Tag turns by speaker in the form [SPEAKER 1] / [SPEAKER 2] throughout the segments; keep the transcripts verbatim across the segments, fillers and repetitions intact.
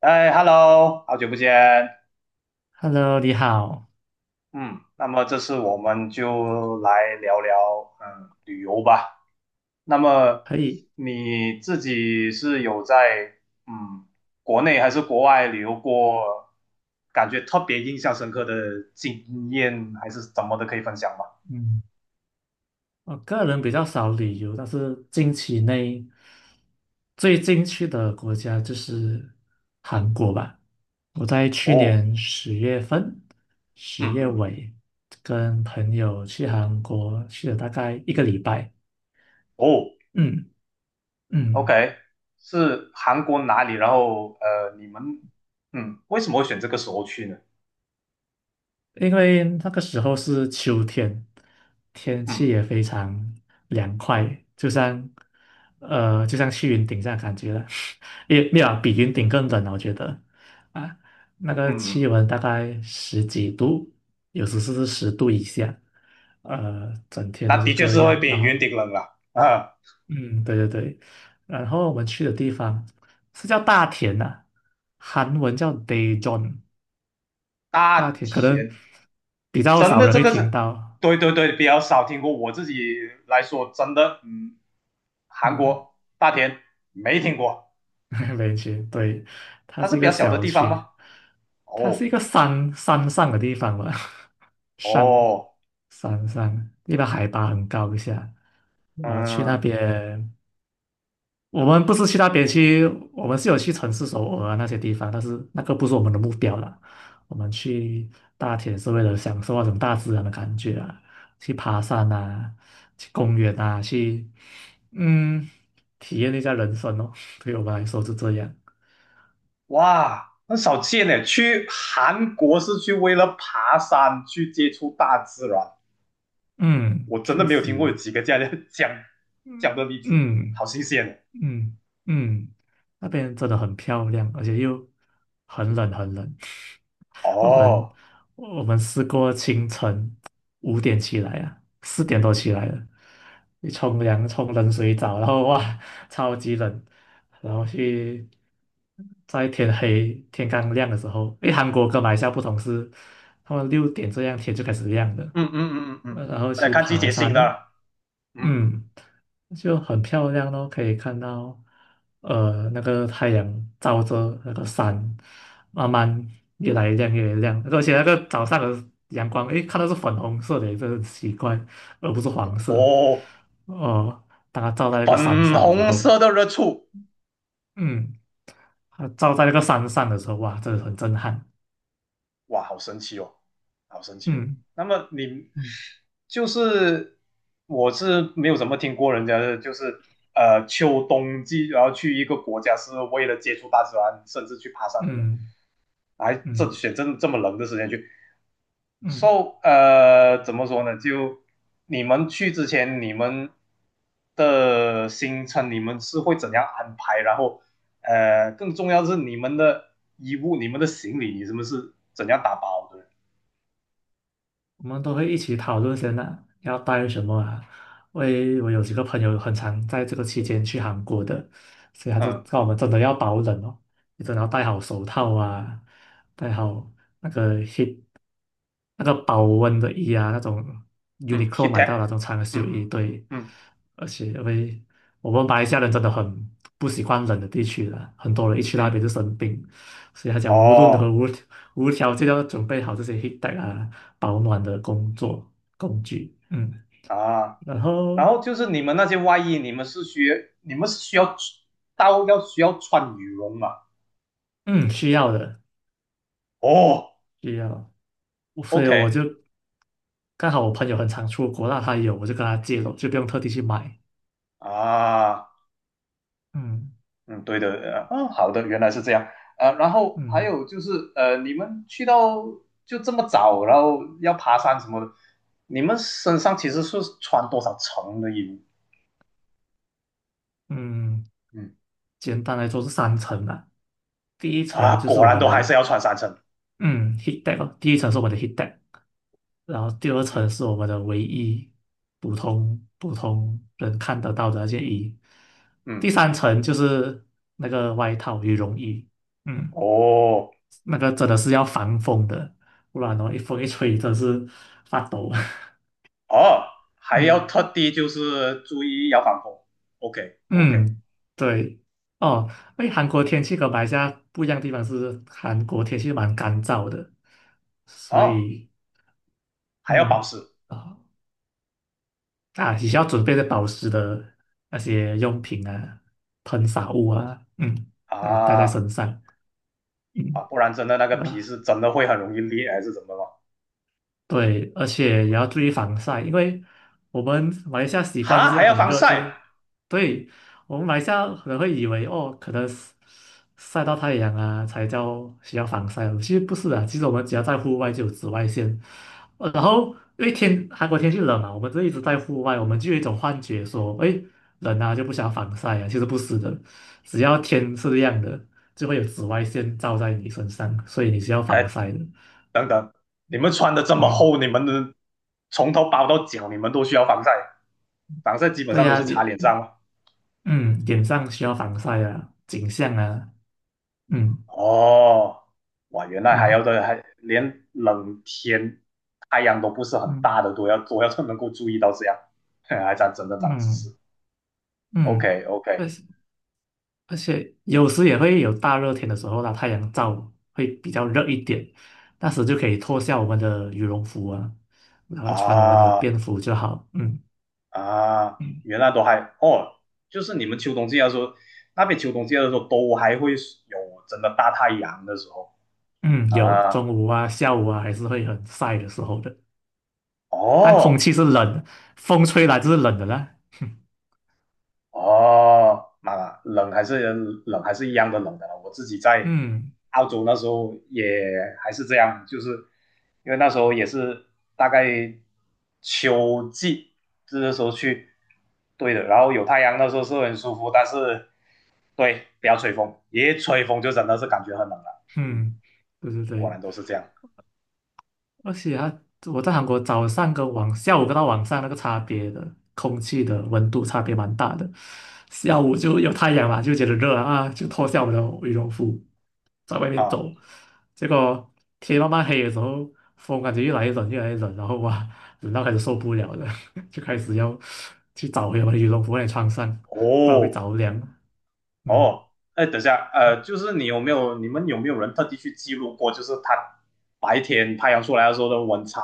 [SPEAKER 1] 哎，Hello，好久不见。
[SPEAKER 2] Hello，你好，
[SPEAKER 1] 嗯，那么这次我们就来聊聊嗯旅游吧。那么
[SPEAKER 2] 可以，
[SPEAKER 1] 你自己是有在嗯国内还是国外旅游过，感觉特别印象深刻的经验还是怎么的，可以分享吗？
[SPEAKER 2] 嗯，我个人比较少旅游，但是近期内最近去的国家就是韩国吧。我在去
[SPEAKER 1] 哦，
[SPEAKER 2] 年十月份、十
[SPEAKER 1] 嗯
[SPEAKER 2] 月
[SPEAKER 1] 嗯，
[SPEAKER 2] 尾跟朋友去韩国，去了大概一个礼拜。
[SPEAKER 1] 哦
[SPEAKER 2] 嗯嗯。
[SPEAKER 1] ，OK，是韩国哪里？然后呃，你们嗯为什么会选这个时候去呢？
[SPEAKER 2] 因为那个时候是秋天，天气
[SPEAKER 1] 嗯
[SPEAKER 2] 也非常凉快，就像呃，就像去云顶这样感觉了，也没有啊比云顶更冷啊我觉得啊，那个
[SPEAKER 1] 嗯
[SPEAKER 2] 气
[SPEAKER 1] 嗯。
[SPEAKER 2] 温大概十几度，有时是十度以下，呃，整天
[SPEAKER 1] 那
[SPEAKER 2] 都是
[SPEAKER 1] 的确
[SPEAKER 2] 这
[SPEAKER 1] 是会
[SPEAKER 2] 样。
[SPEAKER 1] 比
[SPEAKER 2] 然
[SPEAKER 1] 云
[SPEAKER 2] 后，
[SPEAKER 1] 顶冷了啊。
[SPEAKER 2] 嗯，对对对，然后我们去的地方是叫大田呐、啊，韩文叫 Daejeon。大
[SPEAKER 1] 大
[SPEAKER 2] 田可能
[SPEAKER 1] 田，
[SPEAKER 2] 比较
[SPEAKER 1] 真
[SPEAKER 2] 少
[SPEAKER 1] 的
[SPEAKER 2] 人
[SPEAKER 1] 这
[SPEAKER 2] 会
[SPEAKER 1] 个
[SPEAKER 2] 听
[SPEAKER 1] 是，
[SPEAKER 2] 到
[SPEAKER 1] 对对对，比较少听过。我自己来说，真的，嗯，韩
[SPEAKER 2] 嗯，
[SPEAKER 1] 国大田没听过，
[SPEAKER 2] 没去，对，它
[SPEAKER 1] 它
[SPEAKER 2] 是
[SPEAKER 1] 是
[SPEAKER 2] 一
[SPEAKER 1] 比
[SPEAKER 2] 个
[SPEAKER 1] 较小的
[SPEAKER 2] 小
[SPEAKER 1] 地方
[SPEAKER 2] 区，
[SPEAKER 1] 吗？
[SPEAKER 2] 它是
[SPEAKER 1] 哦
[SPEAKER 2] 一个山山上的地方吧，山
[SPEAKER 1] 哦，
[SPEAKER 2] 山上，一般海拔很高一下，然后去那
[SPEAKER 1] 嗯，
[SPEAKER 2] 边。我们不是去那边去，我们是有去城市首尔啊那些地方，但是那个不是我们的目标啦。我们去大田是为了享受那种大自然的感觉啊，去爬山啊，去公园啊，去嗯体验一下人生哦。对我们来说是这样，
[SPEAKER 1] 哇，很少见呢。去韩国是去为了爬山，去接触大自然。
[SPEAKER 2] 嗯，
[SPEAKER 1] 我真的
[SPEAKER 2] 确
[SPEAKER 1] 没有听过有
[SPEAKER 2] 实，
[SPEAKER 1] 几个这样的 讲讲的
[SPEAKER 2] 嗯，
[SPEAKER 1] 例子，好
[SPEAKER 2] 嗯。
[SPEAKER 1] 新鲜
[SPEAKER 2] 嗯嗯，那边真的很漂亮，而且又很冷很冷。
[SPEAKER 1] 哦。
[SPEAKER 2] 我们
[SPEAKER 1] 哦，
[SPEAKER 2] 我们试过清晨五点起来啊，四点多起来了，你冲凉冲冷水澡，然后哇，超级冷，然后去在天黑天刚亮的时候，因为韩国跟马来西亚不同是，他们六点这样天就开始亮了，
[SPEAKER 1] 嗯嗯嗯嗯嗯，嗯
[SPEAKER 2] 呃然后
[SPEAKER 1] 来
[SPEAKER 2] 去
[SPEAKER 1] 看季
[SPEAKER 2] 爬
[SPEAKER 1] 节性
[SPEAKER 2] 山哦，
[SPEAKER 1] 的。嗯，
[SPEAKER 2] 嗯。就很漂亮咯，可以看到，呃，那个太阳照着那个山，慢慢越来越亮，越来越亮。而且那个早上的阳光，诶，看到是粉红色的，这很奇怪，而不是黄色。
[SPEAKER 1] 哦，
[SPEAKER 2] 哦、当它照在那个山
[SPEAKER 1] 粉
[SPEAKER 2] 上的时
[SPEAKER 1] 红
[SPEAKER 2] 候，
[SPEAKER 1] 色的热醋，
[SPEAKER 2] 嗯，它照在那个山上的时候，哇，真的很震撼。
[SPEAKER 1] 哇，好神奇哦，好神奇哦。
[SPEAKER 2] 嗯
[SPEAKER 1] 那么你
[SPEAKER 2] 嗯
[SPEAKER 1] 就是我是没有怎么听过人家的，就是呃秋冬季，然后去一个国家是为了接触大自然，甚至去爬山的人，
[SPEAKER 2] 嗯
[SPEAKER 1] 还这
[SPEAKER 2] 嗯
[SPEAKER 1] 选这这么冷的时间去。
[SPEAKER 2] 嗯。
[SPEAKER 1] so 呃，怎么说呢？就你们去之前，你们的行程你们是会怎样安排？然后呃，更重要的是你们的衣物、你们的行李，你们是怎样打包的？
[SPEAKER 2] 我们都会一起讨论先啊，要带什么啊？因为我有几个朋友很常在这个期间去韩国的，所以他就
[SPEAKER 1] 嗯
[SPEAKER 2] 告我们真的要保冷哦，你真的要戴好手套啊，戴好那个 heat 那个保温的衣啊，那种
[SPEAKER 1] 嗯 h
[SPEAKER 2] Uniqlo
[SPEAKER 1] i t
[SPEAKER 2] 买
[SPEAKER 1] a e
[SPEAKER 2] 到的那种长袖衣，
[SPEAKER 1] 嗯嗯
[SPEAKER 2] 对，
[SPEAKER 1] 嗯
[SPEAKER 2] 而且因为我们马来西亚人真的很不喜欢冷的地区的，很多人一去那边
[SPEAKER 1] 嗯，
[SPEAKER 2] 就生病，所以他讲无论如何
[SPEAKER 1] 哦
[SPEAKER 2] 无无条件要准备好这些 heat tech 啊保暖的工作工具，嗯，
[SPEAKER 1] 啊，
[SPEAKER 2] 然
[SPEAKER 1] 然
[SPEAKER 2] 后
[SPEAKER 1] 后就是你们那些外衣，你们是需要你们是需要到要需要穿羽绒嘛？
[SPEAKER 2] 嗯需要的
[SPEAKER 1] 哦
[SPEAKER 2] 需要，所以
[SPEAKER 1] ，OK
[SPEAKER 2] 我就刚好我朋友很常出国，那他有我就跟他借了，就不用特地去买，
[SPEAKER 1] 啊。
[SPEAKER 2] 嗯
[SPEAKER 1] 嗯，对的，呃嗯，好的，原来是这样，呃，然后还
[SPEAKER 2] 嗯
[SPEAKER 1] 有就是，呃，你们去到就这么早，然后要爬山什么的，你们身上其实是穿多少层的衣服？
[SPEAKER 2] 嗯，
[SPEAKER 1] 嗯，
[SPEAKER 2] 简单来说是三层啊。第一
[SPEAKER 1] 啊，
[SPEAKER 2] 层就是
[SPEAKER 1] 果
[SPEAKER 2] 我
[SPEAKER 1] 然
[SPEAKER 2] 们
[SPEAKER 1] 都还是
[SPEAKER 2] 的
[SPEAKER 1] 要穿三层。嗯
[SPEAKER 2] 嗯 heat deck 哦，第一层是我们的 heat deck，然后第二层
[SPEAKER 1] 嗯
[SPEAKER 2] 是我们的唯一普通普通人看得到的那件衣，第
[SPEAKER 1] 嗯，
[SPEAKER 2] 三层就是那个外套羽绒衣，嗯，
[SPEAKER 1] 哦
[SPEAKER 2] 那个真的是要防风的，不然哦一风一吹真是发抖。
[SPEAKER 1] 哦，还要
[SPEAKER 2] 嗯
[SPEAKER 1] 特地就是注意要防风。OK OK，
[SPEAKER 2] 嗯，对哦，哎，韩国天气跟马来西亚不一样的地方是，韩国天气蛮干燥的，所
[SPEAKER 1] 哦，
[SPEAKER 2] 以
[SPEAKER 1] 还要保
[SPEAKER 2] 嗯。
[SPEAKER 1] 湿。
[SPEAKER 2] 啊。啊，你需要准备的保湿的那些用品啊、喷洒物啊，嗯，来带在
[SPEAKER 1] 啊
[SPEAKER 2] 身上，
[SPEAKER 1] 啊，
[SPEAKER 2] 嗯，
[SPEAKER 1] 不然真的那个皮
[SPEAKER 2] 那
[SPEAKER 1] 是真的会很容易裂还是怎么了？
[SPEAKER 2] 对，而且也要注意防晒，因为我们马来西亚习惯就
[SPEAKER 1] 哈，
[SPEAKER 2] 是
[SPEAKER 1] 还要
[SPEAKER 2] 很
[SPEAKER 1] 防
[SPEAKER 2] 热，就
[SPEAKER 1] 晒？
[SPEAKER 2] 是对我们马来西亚可能会以为哦，可能是晒到太阳啊才叫需要防晒，其实不是的，其实我们只要在户外就有紫外线，呃然后因为天韩国天气冷啊，我们就一直在户外，我们就有一种幻觉说，哎，冷啊就不想要防晒啊，其实不是的，只要天是亮的，就会有紫外线照在你身上，所以你是要防
[SPEAKER 1] 呃，
[SPEAKER 2] 晒的，
[SPEAKER 1] 等等，你们穿的这么
[SPEAKER 2] 嗯。
[SPEAKER 1] 厚，你们的从头包到脚，你们都需要防晒，防晒基本
[SPEAKER 2] 对
[SPEAKER 1] 上都
[SPEAKER 2] 呀，
[SPEAKER 1] 是
[SPEAKER 2] 你
[SPEAKER 1] 擦脸上嘛。
[SPEAKER 2] 嗯，脸上需要防晒啊，颈项啊，嗯
[SPEAKER 1] 哦，哇，原来还要
[SPEAKER 2] 嗯
[SPEAKER 1] 的，还连冷天太阳都不是很
[SPEAKER 2] 嗯
[SPEAKER 1] 大的都要都要能够注意到这样，还长真的长知
[SPEAKER 2] 嗯
[SPEAKER 1] 识。OK
[SPEAKER 2] 嗯，
[SPEAKER 1] OK，
[SPEAKER 2] 而且而且有时也会有大热天的时候啦，太阳照会比较热一点，那时就可以脱下我们的羽绒服啊，然后穿我们的
[SPEAKER 1] 啊
[SPEAKER 2] 便服就好。嗯
[SPEAKER 1] 啊，
[SPEAKER 2] 嗯
[SPEAKER 1] 原来都还哦，就是你们秋冬季的时候，那边秋冬季的时候都还会有真的大太阳的时候
[SPEAKER 2] 嗯，有
[SPEAKER 1] 啊
[SPEAKER 2] 中午啊、下午啊，还是会很晒的时候的，但空
[SPEAKER 1] 哦。
[SPEAKER 2] 气是冷的，风吹来就是冷的啦。
[SPEAKER 1] 哦，妈呀，冷还是冷还是一样的冷的了。我自己在
[SPEAKER 2] 嗯
[SPEAKER 1] 澳洲那时候也还是这样，就是因为那时候也是大概秋季，这时候去，对的。然后有太阳，那时候是很舒服，但是对，不要吹风，一吹风就真的是感觉很冷了。嗯，
[SPEAKER 2] 嗯，对对
[SPEAKER 1] 果
[SPEAKER 2] 对，
[SPEAKER 1] 然都是这样
[SPEAKER 2] 而且啊，我在韩国早上跟晚下午跟到晚上那个差别的空气的温度差别蛮大的，下午就有太阳嘛，就觉得热啊，就脱下我的羽绒服在外面
[SPEAKER 1] 啊。
[SPEAKER 2] 走，结果天慢慢黑的时候，风感觉越来越冷越来越冷，然后哇，冷到开始受不了了，就开始要去找回我的羽绒服来穿上，不然会
[SPEAKER 1] 哦，
[SPEAKER 2] 着凉。嗯
[SPEAKER 1] 哦，哎，等一下，呃，就是你有没有，你们有没有人特地去记录过，就是它白天太阳出来的时候的温差，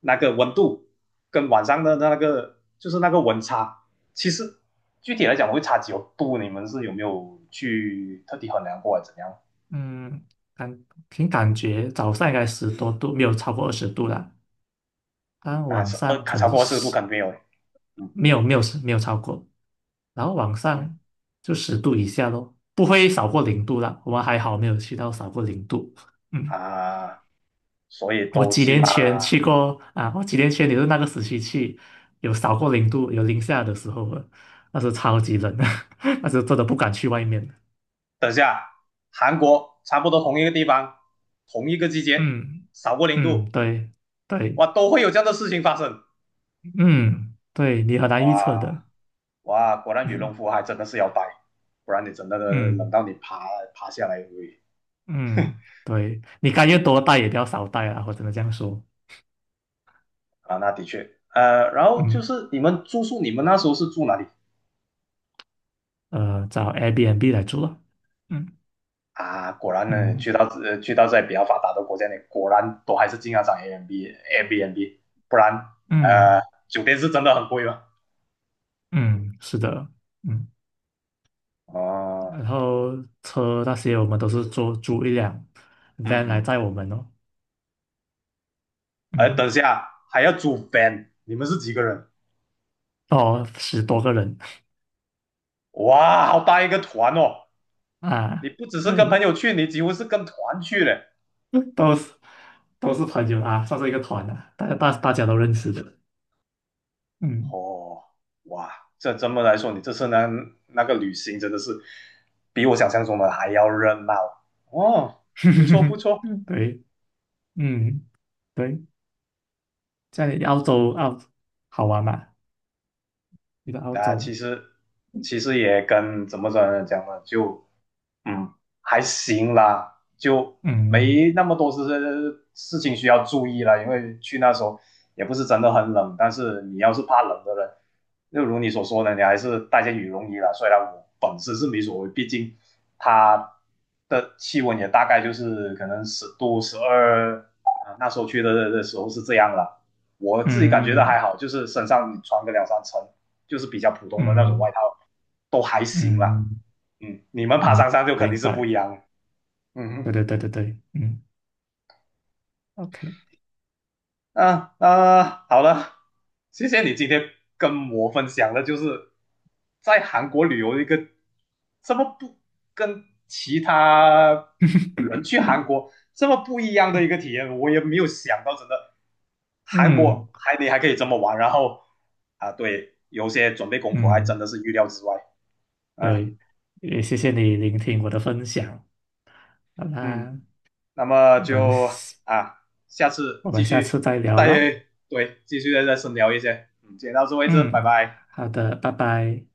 [SPEAKER 1] 那个温度跟晚上的那个，就是那个温差，其实具体来讲会差几度，你们是有没有去特地衡量过，怎样？
[SPEAKER 2] 嗯，感凭感觉早上应该十多度，没有超过二十度啦。但
[SPEAKER 1] 那
[SPEAKER 2] 往
[SPEAKER 1] 是呃，
[SPEAKER 2] 上可
[SPEAKER 1] 超
[SPEAKER 2] 能是
[SPEAKER 1] 过四十度
[SPEAKER 2] 十，
[SPEAKER 1] 肯定没有，嗯
[SPEAKER 2] 没有没有没有超过，然后往
[SPEAKER 1] 嗯
[SPEAKER 2] 上就十度以下咯，不会少过零度啦。我们还好没有去到少过零度。嗯，
[SPEAKER 1] 啊，所以
[SPEAKER 2] 我
[SPEAKER 1] 都
[SPEAKER 2] 几
[SPEAKER 1] 起
[SPEAKER 2] 年
[SPEAKER 1] 码，
[SPEAKER 2] 前去过啊，我几年前也是那个时期去，有少过零度，有零下的时候了，那时候超级冷，那时候真的不敢去外面。
[SPEAKER 1] 等一下，韩国差不多同一个地方，同一个季节，
[SPEAKER 2] 嗯
[SPEAKER 1] 少过零
[SPEAKER 2] 嗯，
[SPEAKER 1] 度。
[SPEAKER 2] 对对，
[SPEAKER 1] 哇，都会有这样的事情发生。
[SPEAKER 2] 嗯对，你很难预测
[SPEAKER 1] 哇
[SPEAKER 2] 的。
[SPEAKER 1] 哇，果然羽绒
[SPEAKER 2] 嗯
[SPEAKER 1] 服还真的是要带，不然你真的冷
[SPEAKER 2] 嗯
[SPEAKER 1] 到你爬爬下来喂
[SPEAKER 2] 嗯，对，你该越多带也不要少带啊，我只能这样说。
[SPEAKER 1] 啊，那的确。呃，然后就
[SPEAKER 2] 嗯，
[SPEAKER 1] 是你们住宿，你们那时候是住哪里
[SPEAKER 2] 呃，找 Airbnb 来住了。嗯
[SPEAKER 1] 啊？果然呢，去
[SPEAKER 2] 嗯
[SPEAKER 1] 到呃去到在比较发达的国家呢，你果然都还是经常涨 a M b n b a b n b 不然呃
[SPEAKER 2] 嗯
[SPEAKER 1] 酒店是真的很贵了。
[SPEAKER 2] 嗯，是的，嗯，
[SPEAKER 1] 哦，
[SPEAKER 2] 然后车那些我们都是租租一辆
[SPEAKER 1] 嗯
[SPEAKER 2] van 来
[SPEAKER 1] 嗯，
[SPEAKER 2] 载我们哦。
[SPEAKER 1] 哎，
[SPEAKER 2] 嗯，
[SPEAKER 1] 等一下还要租 van，你们是几个人？
[SPEAKER 2] 哦，十多个人
[SPEAKER 1] 哇，好大一个团哦！你
[SPEAKER 2] 啊，
[SPEAKER 1] 不只是跟
[SPEAKER 2] 对，
[SPEAKER 1] 朋友去，你几乎是跟团去嘞。
[SPEAKER 2] 都是都是朋友啊，算是一个团啊，大家大大家都认识的。嗯，
[SPEAKER 1] 哦，哇，这这么来说，你这次呢那个旅行真的是比我想象中的还要热闹哦，不错不 错。
[SPEAKER 2] 对，嗯对，在澳洲澳好玩嘛？你的澳
[SPEAKER 1] 那、
[SPEAKER 2] 洲，
[SPEAKER 1] 其实其实也跟怎么怎么讲呢，就嗯，还行啦，就
[SPEAKER 2] 嗯
[SPEAKER 1] 没那么多事事情需要注意了，因为去那时候也不是真的很冷，但是你要是怕冷的人，就如你所说的，你还是带件羽绒衣啦。虽然我本身是没所谓，毕竟它的气温也大概就是可能十度、十二，啊，那时候去的的时候是这样了。我自己感觉到还
[SPEAKER 2] 嗯
[SPEAKER 1] 好，就是身上穿个两三层，就是比较普通的那种外
[SPEAKER 2] 嗯
[SPEAKER 1] 套，都还行啦。
[SPEAKER 2] 嗯。
[SPEAKER 1] 嗯，你们爬
[SPEAKER 2] 嗯，
[SPEAKER 1] 山上就肯定
[SPEAKER 2] 明
[SPEAKER 1] 是不一
[SPEAKER 2] 白。
[SPEAKER 1] 样了。嗯
[SPEAKER 2] 对对对对对，嗯，OK，
[SPEAKER 1] 哼，啊啊，好了，谢谢你今天跟我分享的，就是在韩国旅游的一个这么不跟其他人去 韩国这么不一样的一个体验，我也没有想到，真的韩
[SPEAKER 2] 嗯
[SPEAKER 1] 国还你还可以这么玩，然后啊，对，有些准备功夫还真
[SPEAKER 2] 嗯，
[SPEAKER 1] 的是预料之外啊，
[SPEAKER 2] 对，也谢谢你聆听我的分享。好
[SPEAKER 1] 嗯。
[SPEAKER 2] 啦，
[SPEAKER 1] 那么
[SPEAKER 2] 我们
[SPEAKER 1] 就啊，下次
[SPEAKER 2] 我
[SPEAKER 1] 继
[SPEAKER 2] 们下次
[SPEAKER 1] 续
[SPEAKER 2] 再聊
[SPEAKER 1] 再。
[SPEAKER 2] 啦。
[SPEAKER 1] 对，继续再深聊一些。嗯，今天到此为止，拜
[SPEAKER 2] 嗯，
[SPEAKER 1] 拜。
[SPEAKER 2] 好的，拜拜。